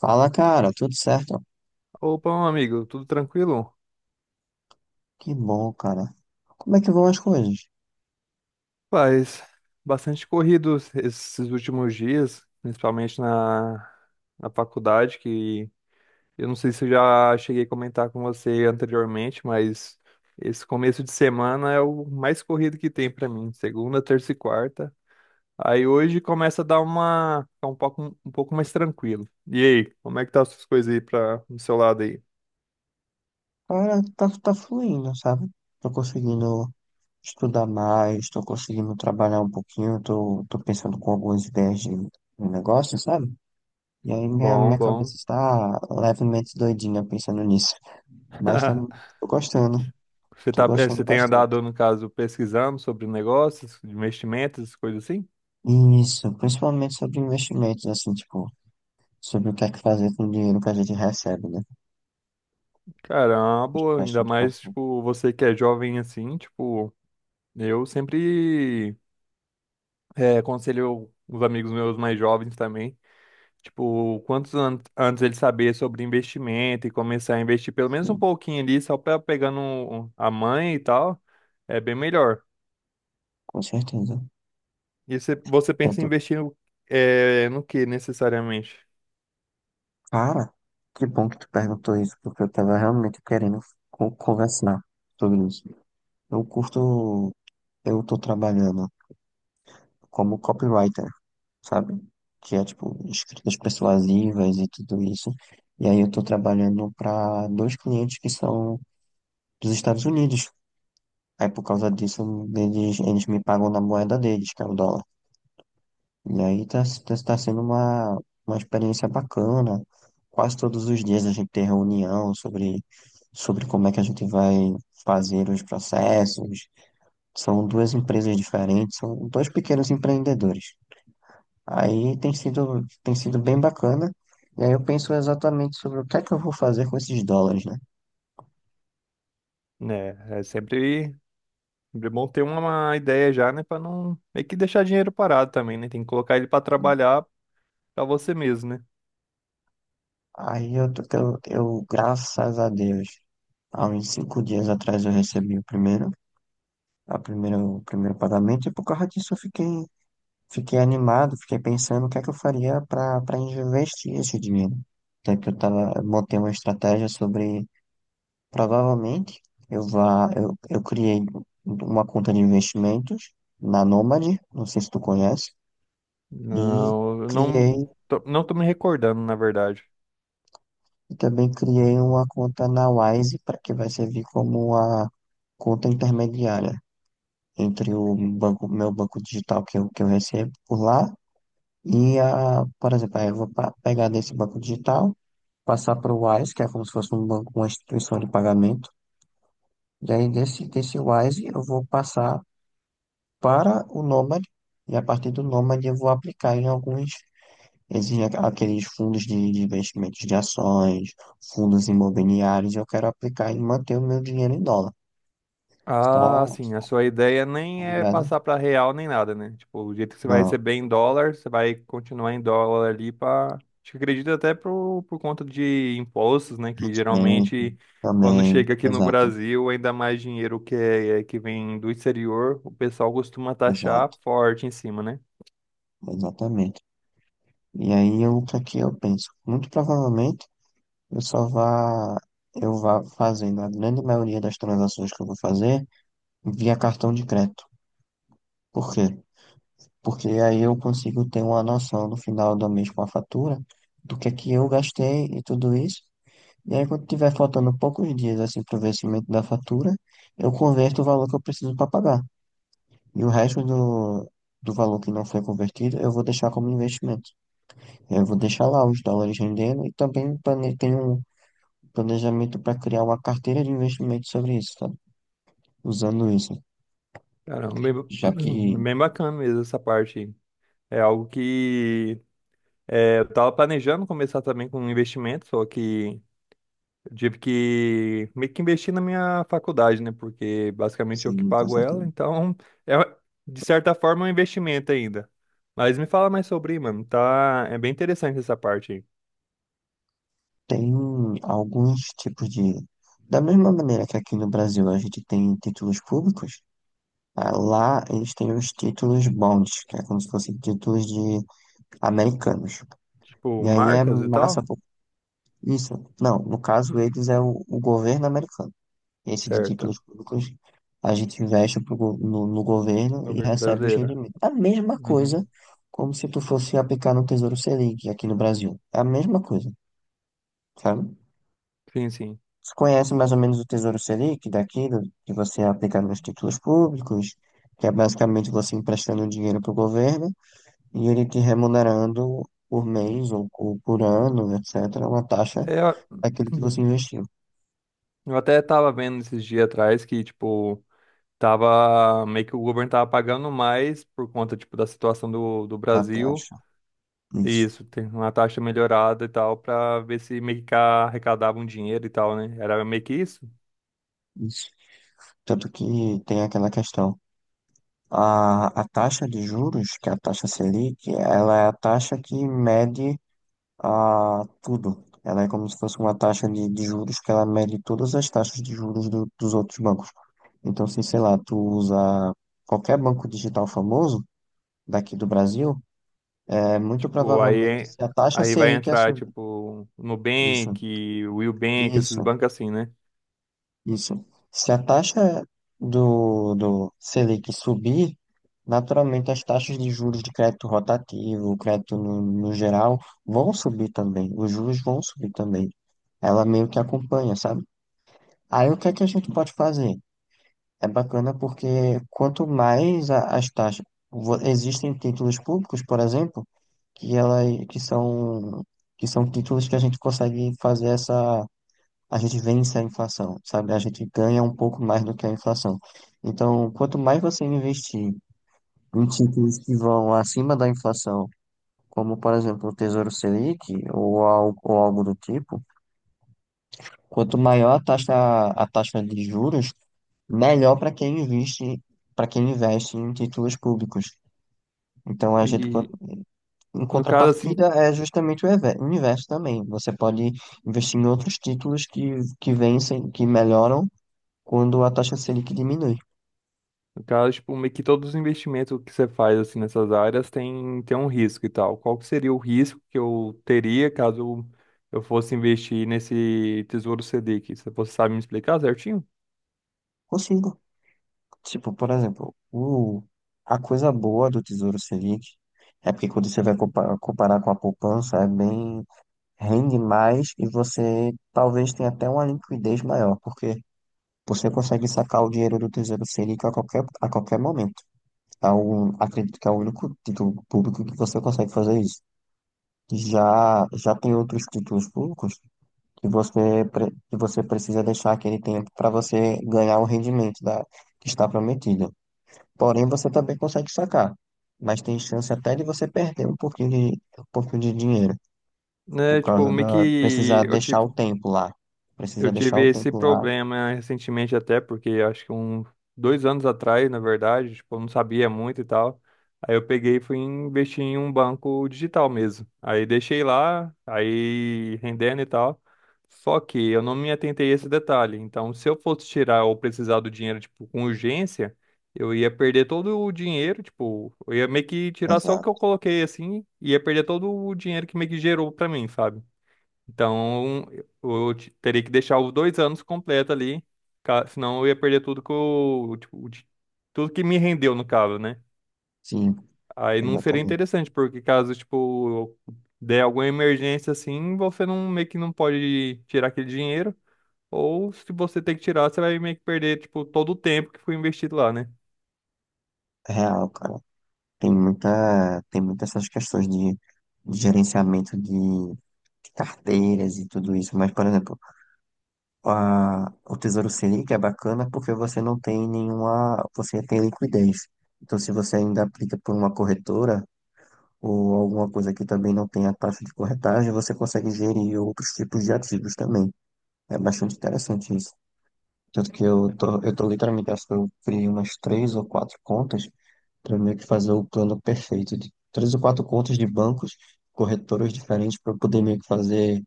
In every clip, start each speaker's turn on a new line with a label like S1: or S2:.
S1: Fala, cara, tudo certo?
S2: Opa, meu amigo, tudo tranquilo?
S1: Que bom, cara. Como é que vão as coisas?
S2: Paz, bastante corrido esses últimos dias, principalmente na faculdade, que eu não sei se eu já cheguei a comentar com você anteriormente, mas esse começo de semana é o mais corrido que tem pra mim, segunda, terça e quarta. Aí hoje começa a ficar um pouco mais tranquilo. E aí, como é que tá as suas coisas aí do seu lado aí?
S1: Cara, tá, tá fluindo, sabe? Tô conseguindo estudar mais, tô conseguindo trabalhar um pouquinho, tô pensando com algumas ideias de negócio, sabe? E aí minha,
S2: Bom,
S1: minha
S2: bom.
S1: cabeça está levemente doidinha pensando nisso. Mas tá, tô gostando,
S2: Você
S1: tô
S2: tá, é,
S1: gostando
S2: você tem
S1: bastante.
S2: andado, no caso, pesquisando sobre negócios, investimentos, coisas assim?
S1: Isso, principalmente sobre investimentos, assim, tipo, sobre o que é que fazer com o dinheiro que a gente recebe, né? Acho
S2: Caramba, ainda
S1: bastante
S2: mais,
S1: importante,
S2: tipo, você que é jovem assim, tipo, eu sempre aconselho os amigos meus mais jovens também, tipo, quantos an antes eles saber sobre investimento e começar a investir pelo menos um
S1: sim,
S2: pouquinho ali, só para pegando a mãe e tal, é bem melhor.
S1: com certeza.
S2: E você pensa em investir no que necessariamente?
S1: Cara, que bom que tu perguntou isso, porque eu tava realmente querendo conversar sobre isso. Eu curto, eu tô trabalhando como copywriter, sabe? Que é tipo escritas persuasivas e tudo isso. E aí eu tô trabalhando para dois clientes que são dos Estados Unidos. Aí por causa disso, eles me pagam na moeda deles, que é o dólar. E aí tá sendo uma experiência bacana. Quase todos os dias a gente tem reunião sobre, sobre como é que a gente vai fazer os processos. São duas empresas diferentes, são dois pequenos empreendedores. Aí tem sido bem bacana. E aí eu penso exatamente sobre o que é que eu vou fazer com esses dólares, né?
S2: Né, é sempre. É bom ter uma ideia já, né? Pra não meio que deixar dinheiro parado também, né? Tem que colocar ele pra trabalhar pra você mesmo, né?
S1: Aí eu, tô- eu, graças a Deus, há uns 5 dias atrás eu recebi o primeiro pagamento e por causa disso eu fiquei. Fiquei animado, fiquei pensando o que é que eu faria para investir esse dinheiro. Até que eu tava, eu montei uma estratégia sobre, provavelmente, eu criei uma conta de investimentos na Nomad, não sei se tu conhece, e
S2: Não, eu não
S1: criei,
S2: tô, não tô me recordando, na verdade.
S1: e também criei uma conta na Wise, para que vai servir como uma conta intermediária entre o banco, meu banco digital que eu recebo por lá. E, a, por exemplo, aí eu vou pegar desse banco digital, passar para o Wise, que é como se fosse um banco, uma instituição de pagamento. E aí desse Wise eu vou passar para o Nomad, e a partir do Nomad eu vou aplicar em alguns, exige aqueles fundos de investimentos de ações, fundos imobiliários, eu quero aplicar e manter o meu dinheiro em dólar.
S2: Ah,
S1: Só,
S2: sim, a
S1: só,
S2: sua ideia
S1: tá
S2: nem é
S1: ligado?
S2: passar pra real nem nada, né? Tipo, o jeito que você vai
S1: Não,
S2: receber em dólar, você vai continuar em dólar ali. Para Acho que acredito até por conta de impostos, né? Que
S1: rendimento
S2: geralmente quando
S1: também,
S2: chega aqui no
S1: exato,
S2: Brasil, ainda mais dinheiro que vem do exterior, o pessoal costuma taxar
S1: exato,
S2: forte em cima, né?
S1: exatamente. E aí eu, o que é que eu penso? Muito provavelmente eu só vá, eu vá fazendo a grande maioria das transações que eu vou fazer via cartão de crédito. Por quê? Porque aí eu consigo ter uma noção no final do mês com a fatura do que é que eu gastei e tudo isso. E aí quando tiver faltando poucos dias assim para o vencimento da fatura, eu converto o valor que eu preciso para pagar. E o resto do valor que não foi convertido, eu vou deixar como investimento. Eu vou deixar lá os dólares rendendo e também tenho planejamento para criar uma carteira de investimento sobre isso, sabe? Usando isso,
S2: Caramba,
S1: já que,
S2: bem bacana mesmo essa parte aí. É algo que eu tava planejando começar também com um investimento, só que eu tive que meio que investir na minha faculdade, né? Porque basicamente eu que
S1: sim, com
S2: pago
S1: certeza,
S2: ela, então é, de certa forma é um investimento ainda. Mas me fala mais sobre, mano. Tá, é bem interessante essa parte aí.
S1: tem alguns tipos de. Da mesma maneira que aqui no Brasil a gente tem títulos públicos, ah, lá eles têm os títulos bonds, que é como se fossem títulos de americanos.
S2: Tipo,
S1: E aí é
S2: marcas e
S1: massa,
S2: tal?
S1: pô. Isso. Não, no caso eles é o governo americano. Esse de títulos
S2: Certo.
S1: públicos, a gente investe pro go- no, no governo e
S2: Governo
S1: recebe os
S2: brasileiro.
S1: rendimentos. A mesma
S2: Uhum.
S1: coisa como se tu fosse aplicar no Tesouro Selic aqui no Brasil. É a mesma coisa, sabe?
S2: Sim, sim.
S1: Você conhece mais ou menos o Tesouro Selic daqui, que você aplica nos títulos públicos, que é basicamente você emprestando dinheiro para o governo e ele te remunerando por mês ou por ano, etc., uma taxa
S2: É,
S1: daquilo que você
S2: eu
S1: investiu.
S2: eu até tava vendo esses dias atrás que, tipo, tava meio que o governo tava pagando mais por conta, tipo, da situação do
S1: A
S2: Brasil.
S1: taxa,
S2: E
S1: isso,
S2: isso, tem uma taxa melhorada e tal, pra ver se meio que arrecadava um dinheiro e tal, né? Era meio que isso.
S1: isso. Tanto que tem aquela questão. A taxa de juros, que é a taxa Selic, ela é a taxa que mede a, tudo. Ela é como se fosse uma taxa de juros que ela mede todas as taxas de juros dos outros bancos. Então, se, sei lá, tu usa qualquer banco digital famoso daqui do Brasil, é muito
S2: Tipo,
S1: provavelmente
S2: aí,
S1: se a taxa
S2: aí vai
S1: Selic é
S2: entrar,
S1: subir.
S2: tipo,
S1: Isso,
S2: Nubank, Willbank, esses
S1: isso.
S2: bancos assim, né?
S1: Isso. Se a taxa do Selic subir, naturalmente as taxas de juros de crédito rotativo, crédito no geral, vão subir também. Os juros vão subir também. Ela meio que acompanha, sabe? Aí o que é que a gente pode fazer? É bacana porque quanto mais as taxas. Existem títulos públicos, por exemplo, que, ela, que são, que são títulos que a gente consegue fazer essa a gente vence a inflação, sabe? A gente ganha um pouco mais do que a inflação. Então, quanto mais você investir em títulos que vão acima da inflação, como por exemplo o Tesouro Selic ou algo do tipo, quanto maior a taxa de juros, melhor para quem investe em títulos públicos. Então, a gente,
S2: E
S1: em
S2: no caso, assim,
S1: contrapartida, é justamente o o inverso também. Você pode investir em outros títulos que vencem, que melhoram quando a taxa Selic diminui.
S2: No caso, tipo, meio que todos os investimentos que você faz assim nessas áreas tem um risco e tal. Qual que seria o risco que eu teria caso eu fosse investir nesse Tesouro Selic? Se Você sabe me explicar certinho?
S1: Consigo. Tipo, por exemplo, a coisa boa do Tesouro Selic é porque quando você vai comparar com a poupança, é bem, rende mais e você talvez tenha até uma liquidez maior, porque você consegue sacar o dinheiro do Tesouro Selic a qualquer momento. É o, acredito que é o único título público que você consegue fazer isso. Já tem outros títulos públicos que que você precisa deixar aquele tempo para você ganhar o rendimento da, que está prometido. Porém, você também consegue sacar. Mas tem chance até de você perder um pouquinho de dinheiro. Por
S2: Né, tipo,
S1: causa
S2: meio
S1: da. Precisar
S2: que eu
S1: deixar
S2: tive
S1: o tempo lá.
S2: Eu
S1: Precisa deixar
S2: tive
S1: o
S2: esse
S1: tempo lá.
S2: problema recentemente até, porque acho que 2 anos atrás, na verdade, tipo, eu não sabia muito e tal. Aí eu peguei e fui investir em um banco digital mesmo. Aí deixei lá, aí rendendo e tal. Só que eu não me atentei a esse detalhe. Então, se eu fosse tirar ou precisar do dinheiro, tipo, com urgência, eu ia perder todo o dinheiro, tipo, eu ia meio que tirar só o que eu
S1: Exato.
S2: coloquei assim, e ia perder todo o dinheiro que meio que gerou pra mim, sabe? Então, teria que deixar os 2 anos completo ali, senão eu ia perder tudo que eu, tipo, tudo que me rendeu, no caso, né?
S1: Sim,
S2: Aí não seria
S1: exatamente.
S2: interessante, porque caso, tipo, der alguma emergência assim, você não, meio que não pode tirar aquele dinheiro, ou se você tem que tirar, você vai meio que perder, tipo, todo o tempo que foi investido lá, né?
S1: É real, cara. Tem muita. Tem muitas essas questões de gerenciamento de carteiras e tudo isso. Mas, por exemplo, a, o Tesouro Selic é bacana porque você não tem nenhuma. Você tem liquidez. Então, se você ainda aplica por uma corretora ou alguma coisa que também não tenha taxa de corretagem, você consegue gerir outros tipos de ativos também. É bastante interessante isso. Tanto que eu tô literalmente, acho que eu criei umas 3 ou 4 contas para meio que fazer o plano perfeito de 3 ou 4 contas de bancos, corretoras diferentes para poder meio que fazer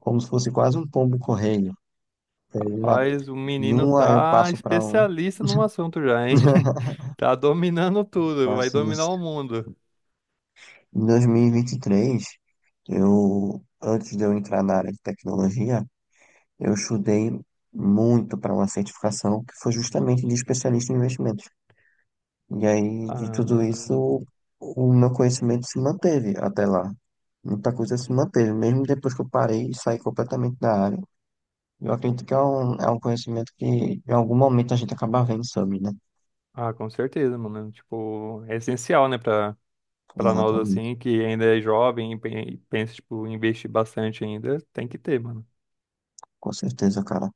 S1: como se fosse quase um pombo-correio. E aí uma
S2: Rapaz, o
S1: em
S2: menino
S1: uma eu
S2: tá
S1: passo para um.
S2: especialista no assunto já, hein? Tá dominando tudo, vai
S1: Faço
S2: dominar
S1: isso.
S2: o mundo.
S1: Em 2023, eu, antes de eu entrar na área de tecnologia, eu estudei muito para uma certificação que foi justamente de especialista em investimentos. E aí, de tudo
S2: Ah.
S1: isso, o meu conhecimento se manteve até lá. Muita coisa se manteve, mesmo depois que eu parei e saí completamente da área. Eu acredito que é um conhecimento que em algum momento a gente acaba vendo sobre, né?
S2: Ah, com certeza, mano. Tipo, é essencial, né, pra nós,
S1: Exatamente,
S2: assim, que ainda é jovem e pensa, tipo, em investir bastante ainda, tem que ter, mano.
S1: com certeza, cara.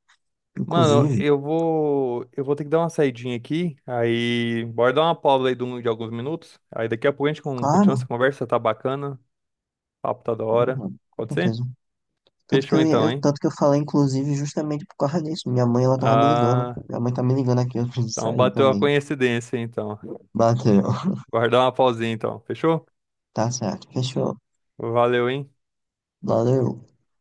S2: Mano,
S1: Inclusive,
S2: eu vou ter que dar uma saidinha aqui, aí bora dar uma pausa aí de alguns minutos, aí daqui a pouco a gente continua essa
S1: claro,
S2: conversa, tá bacana, o papo tá da
S1: né,
S2: hora,
S1: mano? Com
S2: pode ser?
S1: certeza. Tanto que
S2: Fechou
S1: eu,
S2: então, hein?
S1: tanto que eu falei, inclusive, justamente por causa disso. Minha mãe, ela tava me ligando.
S2: Ah,
S1: Minha mãe tá me ligando aqui, eu preciso
S2: então
S1: sair
S2: bateu a
S1: também.
S2: coincidência, então.
S1: Bateu.
S2: Bora dar uma pausinha, então, fechou?
S1: Tá certo. Fechou.
S2: Valeu, hein?
S1: Valeu.